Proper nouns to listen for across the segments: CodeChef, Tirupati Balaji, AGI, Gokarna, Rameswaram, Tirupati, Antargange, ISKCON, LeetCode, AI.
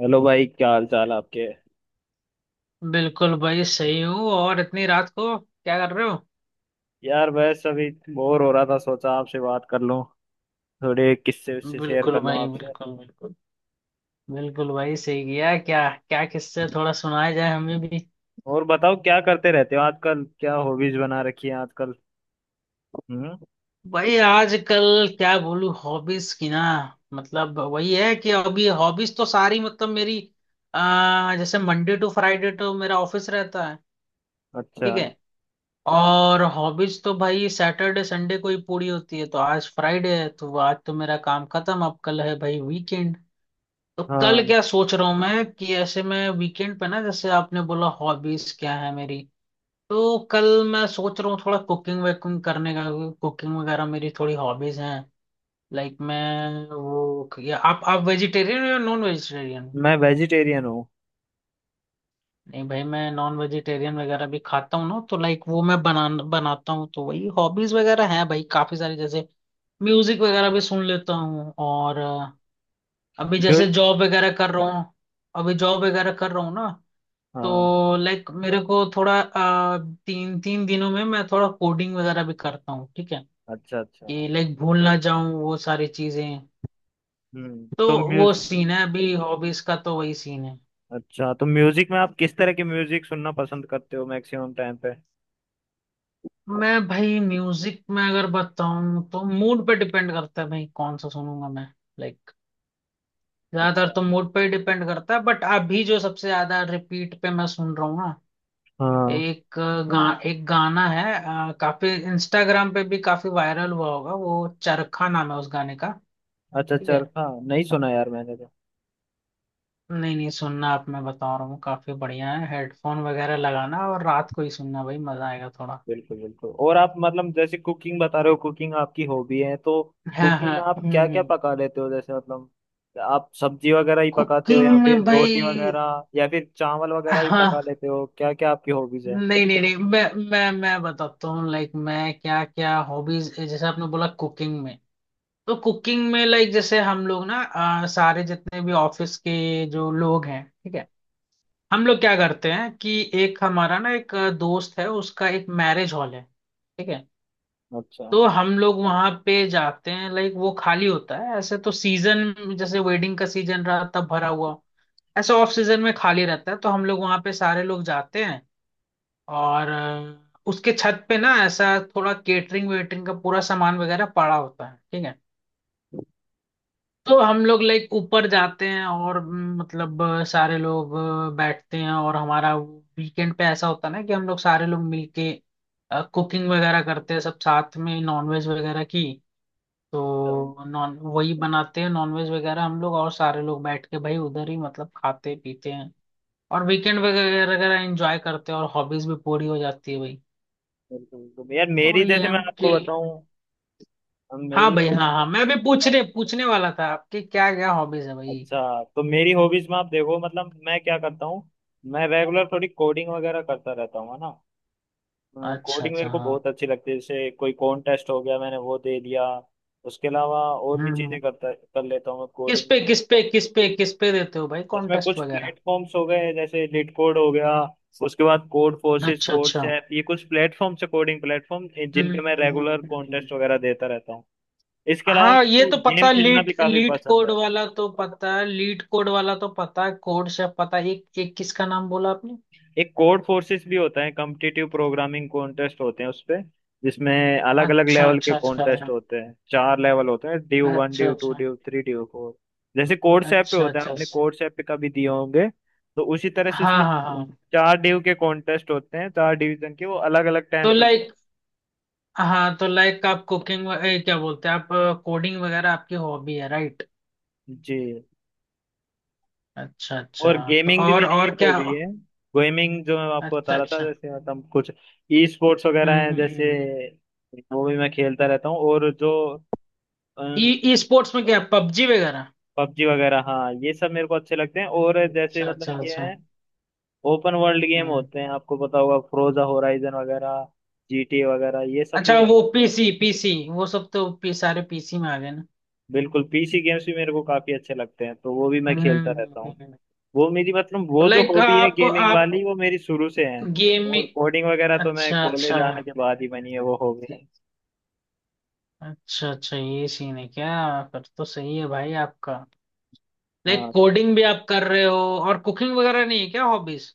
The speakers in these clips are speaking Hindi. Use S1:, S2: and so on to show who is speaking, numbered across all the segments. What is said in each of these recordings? S1: हेलो भाई, क्या हाल चाल आपके?
S2: बिल्कुल भाई, सही हूँ। और इतनी रात को क्या कर रहे हो?
S1: यार बस अभी बोर हो रहा था, सोचा आपसे बात कर लूं, थोड़े किस्से उससे शेयर
S2: बिल्कुल
S1: कर लूं
S2: भाई,
S1: आपसे।
S2: बिल्कुल बिल्कुल। बिल्कुल भाई, सही किया। क्या क्या किससे थोड़ा सुनाया जाए, हमें भी?
S1: और बताओ, क्या करते रहते हो आजकल? क्या हॉबीज बना रखी है आजकल? हम्म।
S2: भाई आजकल क्या बोलूं हॉबीज की ना। मतलब वही है कि अभी हॉबीज तो सारी मतलब मेरी। जैसे मंडे टू फ्राइडे तो मेरा ऑफिस रहता है।
S1: अच्छा।
S2: ठीक है। और हॉबीज तो भाई सैटरडे संडे को ही पूरी होती है, तो आज फ्राइडे है, तो आज तो मेरा काम खत्म। अब कल है भाई वीकेंड। तो कल
S1: हाँ,
S2: क्या सोच रहा हूँ मैं कि ऐसे में वीकेंड पे ना, जैसे आपने बोला हॉबीज क्या है मेरी। तो कल मैं सोच रहा हूँ थोड़ा कुकिंग वुकिंग करने का। कुकिंग वगैरह मेरी थोड़ी हॉबीज हैं। लाइक मैं वो, या आप वेजिटेरियन हो या नॉन वेजिटेरियन?
S1: मैं वेजिटेरियन हूँ।
S2: नहीं भाई, मैं नॉन वेजिटेरियन वगैरह भी खाता हूँ ना, तो लाइक वो मैं बना बनाता हूँ, तो वही हॉबीज वगैरह हैं भाई काफी सारी। जैसे म्यूजिक वगैरह भी सुन लेता हूँ। और अभी जैसे
S1: म्यूज
S2: जॉब वगैरह कर रहा हूँ। अभी जॉब वगैरह कर रहा हूँ ना,
S1: हाँ।
S2: तो लाइक मेरे को थोड़ा तीन तीन दिनों में मैं थोड़ा कोडिंग वगैरह भी करता हूँ, ठीक है,
S1: अच्छा अच्छा।
S2: कि लाइक भूल ना जाऊं वो सारी चीजें। तो
S1: तो
S2: वो
S1: म्यूज
S2: सीन है अभी हॉबीज का, तो वही सीन है।
S1: अच्छा, तो म्यूजिक में आप किस तरह के म्यूजिक सुनना पसंद करते हो मैक्सिमम टाइम पे?
S2: मैं भाई म्यूजिक में अगर बताऊं तो मूड पे डिपेंड करता है भाई कौन सा सुनूंगा मैं। लाइक ज्यादातर
S1: अच्छा।
S2: तो मूड पे डिपेंड करता है, बट अभी जो सबसे ज्यादा रिपीट पे मैं सुन रहा हूँ ना,
S1: हाँ।
S2: एक गाना है, काफी इंस्टाग्राम पे भी काफी वायरल हुआ होगा। वो चरखा नाम है उस गाने का।
S1: अच्छा,
S2: ठीक है।
S1: चरखा नहीं सुना यार मैंने तो।
S2: नहीं नहीं, सुनना आप, मैं बता रहा हूँ काफी बढ़िया है। हेडफोन वगैरह लगाना और रात को ही सुनना भाई, मजा आएगा थोड़ा।
S1: बिल्कुल बिल्कुल। और आप मतलब जैसे कुकिंग बता रहे हो, कुकिंग आपकी हॉबी है तो
S2: हाँ
S1: कुकिंग
S2: हाँ।
S1: में आप क्या क्या
S2: हम्म।
S1: पका लेते हो? जैसे मतलब आप सब्जी वगैरह ही पकाते हो
S2: कुकिंग
S1: या फिर
S2: में
S1: रोटी
S2: भाई,
S1: वगैरह या फिर चावल वगैरह भी पका
S2: हाँ,
S1: लेते हो? क्या क्या आपकी हॉबीज है?
S2: नहीं नहीं नहीं, मैं बताता हूँ लाइक मैं क्या क्या हॉबीज, जैसे आपने बोला कुकिंग में। तो कुकिंग में, लाइक जैसे हम लोग ना, सारे जितने भी ऑफिस के जो लोग हैं, ठीक है, हम लोग क्या करते हैं कि एक हमारा ना, एक दोस्त है उसका, एक मैरिज हॉल है, ठीक है।
S1: अच्छा।
S2: तो हम लोग वहां पे जाते हैं। लाइक वो खाली होता है ऐसे, तो सीजन जैसे वेडिंग का सीजन रहा तब भरा हुआ, ऐसे ऑफ सीजन में खाली रहता है, तो हम लोग वहां पे सारे लोग जाते हैं। और उसके छत पे ना, ऐसा थोड़ा केटरिंग वेटरिंग का पूरा सामान वगैरह पड़ा होता है, ठीक है। तो हम लोग लाइक ऊपर जाते हैं, और मतलब सारे लोग बैठते हैं, और हमारा वीकेंड पे ऐसा होता है ना कि हम लोग सारे लोग मिलके कुकिंग वगैरह करते हैं सब साथ में, नॉनवेज वगैरह की।
S1: बिल्कुल
S2: तो नॉन वही बनाते हैं नॉनवेज वगैरह हम लोग, और सारे लोग बैठ के भाई उधर ही मतलब खाते पीते हैं, और वीकेंड वगैरह वगैरह एंजॉय करते हैं, और हॉबीज भी पूरी हो जाती है भाई।
S1: बिल्कुल यार,
S2: तो
S1: मेरी
S2: वही
S1: जैसे
S2: है
S1: मैं
S2: कि
S1: आपको बताऊं, हम
S2: हाँ
S1: मेरी
S2: भाई, हाँ
S1: हॉबीज
S2: हाँ, मैं भी पूछने पूछने वाला था आपके क्या क्या हॉबीज है भाई।
S1: अच्छा, तो मेरी हॉबीज में आप देखो मतलब मैं क्या करता हूँ। मैं रेगुलर थोड़ी कोडिंग वगैरह करता रहता हूँ है ना।
S2: अच्छा
S1: कोडिंग
S2: अच्छा।
S1: मेरे को
S2: हाँ,
S1: बहुत अच्छी लगती है। जैसे कोई कॉन्टेस्ट हो गया, मैंने वो दे दिया। उसके अलावा और भी
S2: हम्म
S1: चीजें
S2: हम्म।
S1: करता कर लेता हूँ मैं
S2: किस
S1: कोडिंग
S2: पे
S1: में।
S2: किस पे किस पे किस पे देते हो भाई
S1: इसमें
S2: कॉन्टेस्ट
S1: कुछ
S2: वगैरह?
S1: प्लेटफॉर्म्स हो गए, जैसे लिट कोड हो गया, उसके बाद कोड फोर्सेस,
S2: अच्छा
S1: कोड
S2: अच्छा।
S1: सैप, ये कुछ प्लेटफॉर्म्स है कोडिंग प्लेटफॉर्म, जिन
S2: हम्म
S1: पे मैं
S2: हम्म
S1: रेगुलर
S2: हम्म, हम्म,
S1: कॉन्टेस्ट वगैरह देता रहता हूँ। इसके अलावा
S2: हाँ,
S1: मेरे
S2: ये
S1: को
S2: तो
S1: गेम
S2: पता,
S1: खेलना भी
S2: लीट
S1: काफी
S2: लीट
S1: पसंद
S2: कोड
S1: है।
S2: वाला तो पता है, लीट कोड वाला तो पता है, कोड शेफ पता है, एक एक किसका नाम बोला आपने?
S1: एक कोड फोर्सेस भी होता है, कॉम्पिटिटिव प्रोग्रामिंग कॉन्टेस्ट होते हैं उसपे, जिसमें अलग अलग
S2: अच्छा
S1: लेवल के
S2: अच्छा
S1: कॉन्टेस्ट
S2: अच्छा।
S1: होते हैं। चार लेवल होते हैं, ड्यू वन,
S2: अच्छा
S1: ड्यू टू,
S2: अच्छा।
S1: Div three, div four. जैसे कोड सैप पे
S2: अच्छा
S1: होता है,
S2: अच्छा।
S1: आपने कोड सैप पे कभी दिए होंगे, तो उसी तरह से
S2: हाँ
S1: इसमें
S2: हाँ हाँ।
S1: चार ड्यू के कॉन्टेस्ट होते हैं, चार डिवीजन के, वो अलग अलग टाइम
S2: तो
S1: पे होते
S2: लाइक हाँ, तो लाइक आप कुकिंग, क्या बोलते हैं आप, कोडिंग वगैरह आपकी हॉबी है राइट?
S1: हैं। जी।
S2: अच्छा अच्छा,
S1: और
S2: तो
S1: गेमिंग भी
S2: और
S1: मेरी
S2: और
S1: एक
S2: क्या?
S1: हॉबी है। गेमिंग जो मैं आपको
S2: अच्छा
S1: बता रहा था,
S2: अच्छा।
S1: जैसे मतलब कुछ ई स्पोर्ट्स वगैरह
S2: हम्म
S1: हैं,
S2: हम्म
S1: जैसे
S2: हम्म,
S1: वो भी मैं खेलता रहता हूँ। और जो
S2: ई स्पोर्ट्स में क्या पबजी वगैरह?
S1: पबजी वगैरह, हाँ, ये सब मेरे को अच्छे लगते हैं। और जैसे
S2: अच्छा
S1: मतलब
S2: अच्छा
S1: ये
S2: अच्छा।
S1: है, ओपन वर्ल्ड गेम
S2: हम्म।
S1: होते हैं, आपको पता होगा, फ्रोजा होराइजन वगैरह, जीटीए वगैरह, ये सब भी
S2: अच्छा,
S1: मैं,
S2: वो पीसी, पीसी वो सब तो सारे पीसी में आ गए ना।
S1: बिल्कुल पीसी गेम्स भी मेरे को काफी अच्छे लगते हैं, तो वो भी मैं
S2: हम्म
S1: खेलता
S2: हम्म,
S1: रहता हूँ।
S2: हम्म।
S1: वो मेरी मतलब,
S2: तो
S1: वो जो
S2: लाइक
S1: हॉबी है
S2: आप
S1: गेमिंग
S2: आप
S1: वाली, वो मेरी शुरू से है।
S2: गेम
S1: और
S2: में।
S1: कोडिंग वगैरह तो मैं
S2: अच्छा अच्छा
S1: कॉलेज आने के बाद ही बनी है वो हॉबी।
S2: अच्छा। अच्छा ये सीन है क्या? फिर तो सही है भाई आपका, लाइक
S1: हाँ।
S2: कोडिंग भी आप कर रहे हो, और कुकिंग वगैरह नहीं है क्या हॉबीज?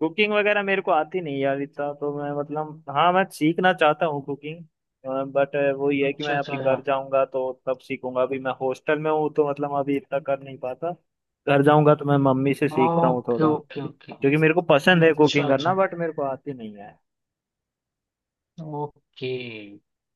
S1: कुकिंग वगैरह मेरे को आती नहीं यार, इतना तो मैं मतलब, हाँ मैं सीखना चाहता हूँ कुकिंग, बट वो ये है कि
S2: अच्छा
S1: मैं अभी
S2: अच्छा
S1: घर
S2: अच्छा।
S1: जाऊंगा तो तब सीखूंगा। अभी मैं हॉस्टल में हूँ तो मतलब अभी इतना कर नहीं पाता। घर जाऊंगा तो मैं मम्मी से सीखता हूँ
S2: ओके
S1: थोड़ा,
S2: ओके ओके।
S1: क्योंकि मेरे को पसंद है
S2: अच्छा
S1: कुकिंग करना,
S2: अच्छा।
S1: बट मेरे को आती नहीं है।
S2: ओके।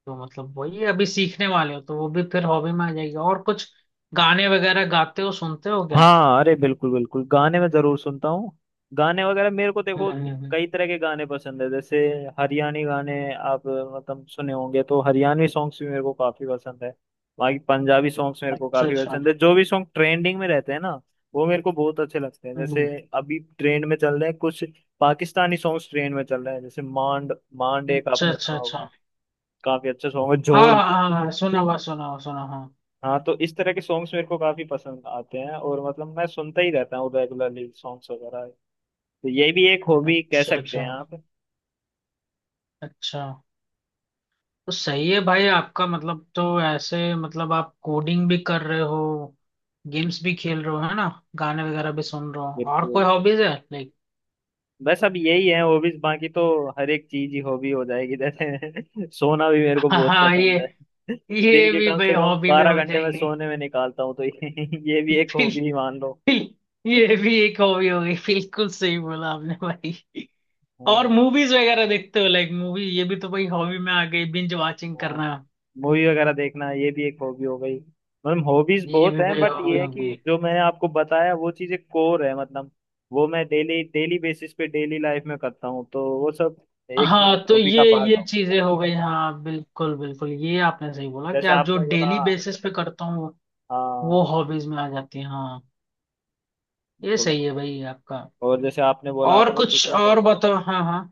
S2: तो मतलब वही, अभी सीखने वाले हो, तो वो भी फिर हॉबी में आ जाएगी, और कुछ गाने वगैरह गाते हो सुनते हो क्या?
S1: हाँ अरे बिल्कुल बिल्कुल, गाने मैं जरूर सुनता हूँ। गाने वगैरह मेरे को देखो,
S2: हम्म।
S1: कई तरह के गाने पसंद है। जैसे हरियाणी गाने आप मतलब सुने होंगे, तो हरियाणवी सॉन्ग्स भी मेरे को काफी पसंद है। बाकी पंजाबी सॉन्ग्स मेरे को
S2: अच्छा
S1: काफी
S2: अच्छा।
S1: पसंद है। जो भी सॉन्ग ट्रेंडिंग में रहते हैं ना, वो मेरे को बहुत अच्छे लगते हैं। जैसे
S2: हम्म,
S1: अभी ट्रेंड में चल रहे हैं कुछ पाकिस्तानी सॉन्ग्स ट्रेंड में चल रहे हैं, जैसे मांड, मांड एक
S2: अच्छा
S1: आपने
S2: अच्छा
S1: सुना होगा,
S2: अच्छा।
S1: काफी अच्छा सॉन्ग है,
S2: हाँ
S1: झोल।
S2: हाँ हाँ हाँ, सुना हुआ, सुना हुआ, सुना हाँ।
S1: हाँ, तो इस तरह के सॉन्ग्स मेरे को काफी पसंद आते हैं, और मतलब मैं सुनता ही रहता हूँ रेगुलरली सॉन्ग्स वगैरह, तो ये भी एक हॉबी कह
S2: अच्छा
S1: सकते
S2: अच्छा
S1: हैं आप।
S2: अच्छा। तो सही है भाई आपका, मतलब तो ऐसे मतलब आप कोडिंग भी कर रहे हो, गेम्स भी खेल रहे हो, है ना, गाने वगैरह भी सुन रहे हो,
S1: बिल्कुल
S2: और कोई
S1: बिल्कुल।
S2: हॉबीज है लाइक?
S1: बस अब यही है हॉबीज, बाकी तो हर एक चीज ही हॉबी हो जाएगी। जैसे सोना भी मेरे को
S2: हाँ
S1: बहुत
S2: हाँ, ये
S1: पसंद है, दिन
S2: ये
S1: के
S2: भी
S1: कम
S2: भाई
S1: से कम
S2: हॉबी में हो
S1: 12 घंटे में
S2: जाएगी।
S1: सोने में निकालता हूँ, तो ये ये भी एक
S2: बिल्कुल,
S1: हॉबी ही मान लो।
S2: ये भी एक हॉबी हो गई, बिल्कुल सही बोला आपने भाई। और
S1: हाँ
S2: मूवीज वगैरह देखते हो लाइक, मूवी ये भी तो भाई हॉबी में आ गई, बिंज वाचिंग
S1: हाँ।
S2: करना,
S1: मूवी वगैरह देखना ये भी एक हॉबी हो गई, मतलब हॉबीज
S2: ये
S1: बहुत
S2: भी
S1: हैं।
S2: भाई
S1: बट
S2: हॉबी
S1: ये है
S2: हो
S1: कि
S2: गई।
S1: जो मैंने आपको बताया, वो चीजें कोर है मतलब, वो मैं डेली डेली बेसिस पे डेली लाइफ में करता हूँ, तो वो सब एक
S2: हाँ
S1: मतलब
S2: तो
S1: हॉबी का
S2: ये
S1: पार्ट
S2: ये
S1: हो,
S2: चीजें हो गई, हाँ बिल्कुल बिल्कुल, ये आपने सही बोला कि
S1: जैसे
S2: आप जो
S1: आपने बोला।
S2: डेली बेसिस पे करता हूँ
S1: हाँ।
S2: वो हॉबीज में आ जाती है, हाँ, ये
S1: बोलो।
S2: सही है भाई आपका।
S1: और जैसे आपने बोला
S2: और
S1: आपको
S2: कुछ
S1: कुकिंग
S2: और
S1: पसंद
S2: बताओ? हाँ हाँ,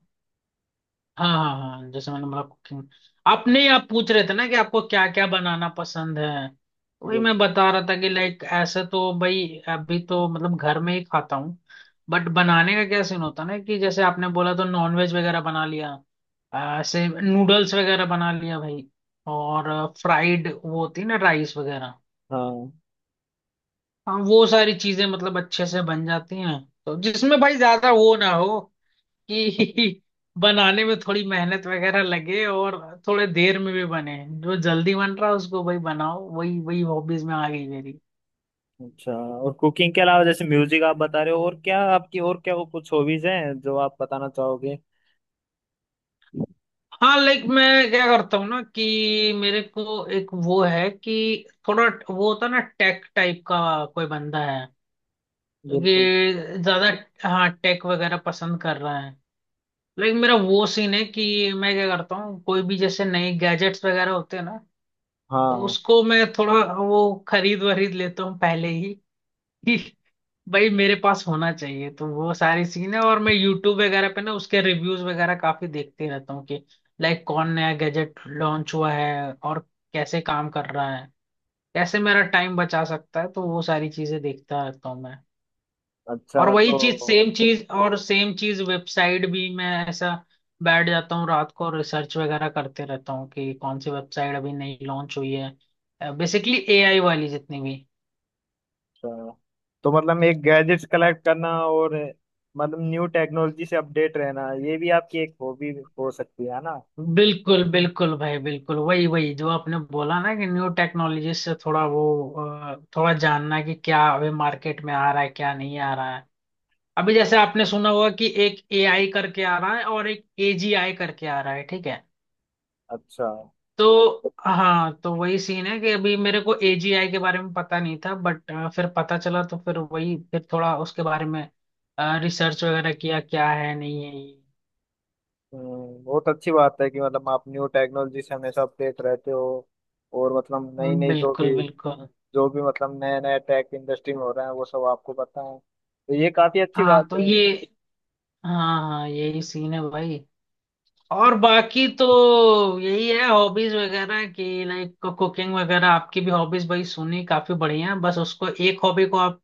S2: हाँ हाँ हाँ, जैसे मैंने बोला कुकिंग, आपने आप पूछ रहे थे ना कि आपको क्या क्या बनाना पसंद है,
S1: है,
S2: वही मैं
S1: बिल्कुल।
S2: बता रहा था कि लाइक ऐसे तो भाई, अभी तो मतलब घर में ही खाता हूँ, बट बनाने का क्या सीन होता है ना कि जैसे आपने बोला, तो नॉनवेज वगैरह बना लिया, ऐसे नूडल्स वगैरह बना लिया भाई, और फ्राइड, वो होती है ना, राइस वगैरह,
S1: हाँ।
S2: हाँ वो सारी चीजें मतलब अच्छे से बन जाती हैं। तो जिसमें भाई ज्यादा वो ना हो कि बनाने में थोड़ी मेहनत वगैरह लगे, और थोड़े देर में भी बने, जो जल्दी बन रहा है उसको वही बनाओ, वही वही हॉबीज में आ गई मेरी।
S1: अच्छा, और कुकिंग के अलावा जैसे म्यूजिक आप बता रहे हो, और क्या आपकी, और क्या वो कुछ हॉबीज हैं जो आप बताना चाहोगे?
S2: हाँ, लाइक मैं क्या करता हूँ ना कि मेरे को एक वो है कि थोड़ा वो होता है ना टेक टाइप का कोई बंदा है,
S1: बिल्कुल।
S2: क्योंकि ज्यादा, हाँ टेक वगैरह पसंद कर रहा है, लेकिन मेरा वो सीन है कि मैं क्या करता हूँ कोई भी, जैसे नए गैजेट्स वगैरह होते हैं ना, तो
S1: हाँ।
S2: उसको मैं थोड़ा वो खरीद वरीद लेता हूँ पहले ही, भाई मेरे पास होना चाहिए तो वो सारी सीन है, और मैं यूट्यूब वगैरह पे ना उसके रिव्यूज वगैरह काफी देखते रहता हूँ कि लाइक कौन नया गैजेट लॉन्च हुआ है, और कैसे काम कर रहा है, कैसे मेरा टाइम बचा सकता है, तो वो सारी चीजें देखता रहता हूँ मैं।
S1: अच्छा।
S2: और वही चीज, सेम चीज, और सेम चीज, वेबसाइट भी मैं ऐसा बैठ जाता हूँ रात को, रिसर्च वगैरह करते रहता हूँ कि कौन सी वेबसाइट अभी नई लॉन्च हुई है, बेसिकली एआई वाली जितनी भी।
S1: अच्छा तो मतलब एक गैजेट्स कलेक्ट करना, और मतलब न्यू टेक्नोलॉजी से अपडेट रहना, ये भी आपकी एक हॉबी हो सकती है ना।
S2: बिल्कुल बिल्कुल भाई, बिल्कुल वही वही जो आपने बोला ना कि न्यू टेक्नोलॉजी से थोड़ा वो, थोड़ा जानना कि क्या अभी मार्केट में आ रहा है, क्या नहीं आ रहा है। अभी जैसे आपने सुना होगा कि एक एआई करके आ रहा है, और एक एजीआई करके आ रहा है, ठीक है,
S1: अच्छा।
S2: तो हाँ, तो वही सीन है कि अभी मेरे को एजीआई के बारे में पता नहीं था, बट फिर पता चला, तो फिर वही, फिर थोड़ा उसके बारे में रिसर्च वगैरह किया क्या है, नहीं है ये।
S1: बहुत अच्छी बात है कि मतलब आप न्यू टेक्नोलॉजी से हमेशा अपडेट रहते हो। और मतलब नई नई जो
S2: बिल्कुल
S1: भी,
S2: बिल्कुल।
S1: मतलब नया नया टेक इंडस्ट्री में हो रहा है, वो सब आपको पता है, तो ये काफी अच्छी
S2: हाँ
S1: बात
S2: तो
S1: है।
S2: ये हाँ हाँ, यही सीन है भाई, और बाकी तो यही है हॉबीज वगैरह की। लाइक कुकिंग वगैरह आपकी भी हॉबीज भाई सुनी, काफी बढ़िया है। बस उसको एक हॉबी को आप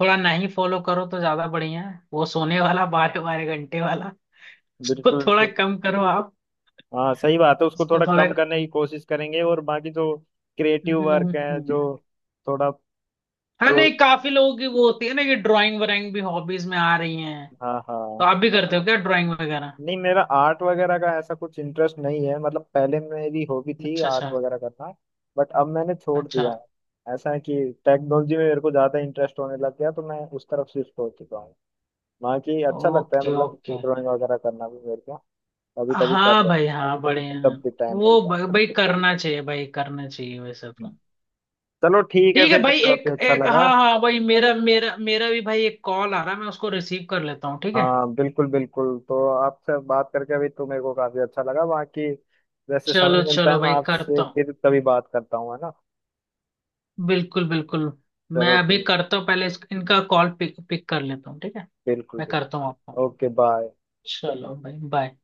S2: थोड़ा नहीं फॉलो करो तो ज्यादा बढ़िया है, वो सोने वाला बारह बारह घंटे वाला, उसको
S1: बिल्कुल
S2: थोड़ा
S1: बिल्कुल।
S2: कम करो आप,
S1: हाँ सही बात है, उसको
S2: उसको
S1: थोड़ा
S2: थोड़ा।
S1: कम करने की कोशिश करेंगे। और बाकी जो क्रिएटिव वर्क है,
S2: हम्म।
S1: जो थोड़ा
S2: हाँ
S1: प्रो
S2: नहीं, काफी लोगों की वो होती है ना कि ड्राइंग वराइंग भी हॉबीज में आ रही हैं,
S1: हाँ
S2: तो
S1: हाँ।
S2: आप भी करते हो क्या ड्राइंग वगैरह?
S1: नहीं, मेरा आर्ट वगैरह का ऐसा कुछ इंटरेस्ट नहीं है। मतलब पहले मेरी हॉबी थी
S2: अच्छा
S1: आर्ट
S2: अच्छा
S1: वगैरह करना, बट अब मैंने छोड़
S2: अच्छा।
S1: दिया है। ऐसा है कि टेक्नोलॉजी में मेरे को ज्यादा इंटरेस्ट होने लग गया, तो मैं उस तरफ शिफ्ट हो चुका हूँ। बाकी अच्छा लगता है
S2: ओके
S1: मतलब,
S2: ओके।
S1: ड्राइंग वगैरह करना भी मेरे को कभी कभी कर
S2: हाँ भाई,
S1: लेता,
S2: हाँ, बड़े हैं।
S1: जब भी टाइम
S2: वो
S1: मिलता है।
S2: भाई करना चाहिए, भाई करना चाहिए वैसे
S1: हम्म।
S2: तो।
S1: चलो ठीक है,
S2: ठीक है
S1: फिर
S2: भाई, एक
S1: काफी अच्छा
S2: एक
S1: लगा।
S2: हाँ हाँ भाई, मेरा मेरा मेरा भी भाई एक कॉल आ रहा है, मैं उसको रिसीव कर लेता हूँ, ठीक है।
S1: हाँ बिल्कुल बिल्कुल, तो आपसे बात करके अभी तो मेरे को काफी अच्छा लगा। बाकी जैसे समय
S2: चलो
S1: मिलता है,
S2: चलो
S1: मैं
S2: भाई,
S1: आपसे
S2: करता हूँ,
S1: फिर कभी बात करता हूँ, है ना।
S2: बिल्कुल बिल्कुल। मैं
S1: चलो
S2: अभी
S1: ठीक-
S2: करता हूँ, पहले इनका कॉल पिक पिक कर लेता हूँ ठीक है।
S1: बिल्कुल
S2: मैं करता
S1: बिल्कुल।
S2: हूँ आपको।
S1: Okay bye.
S2: चलो भाई, बाय।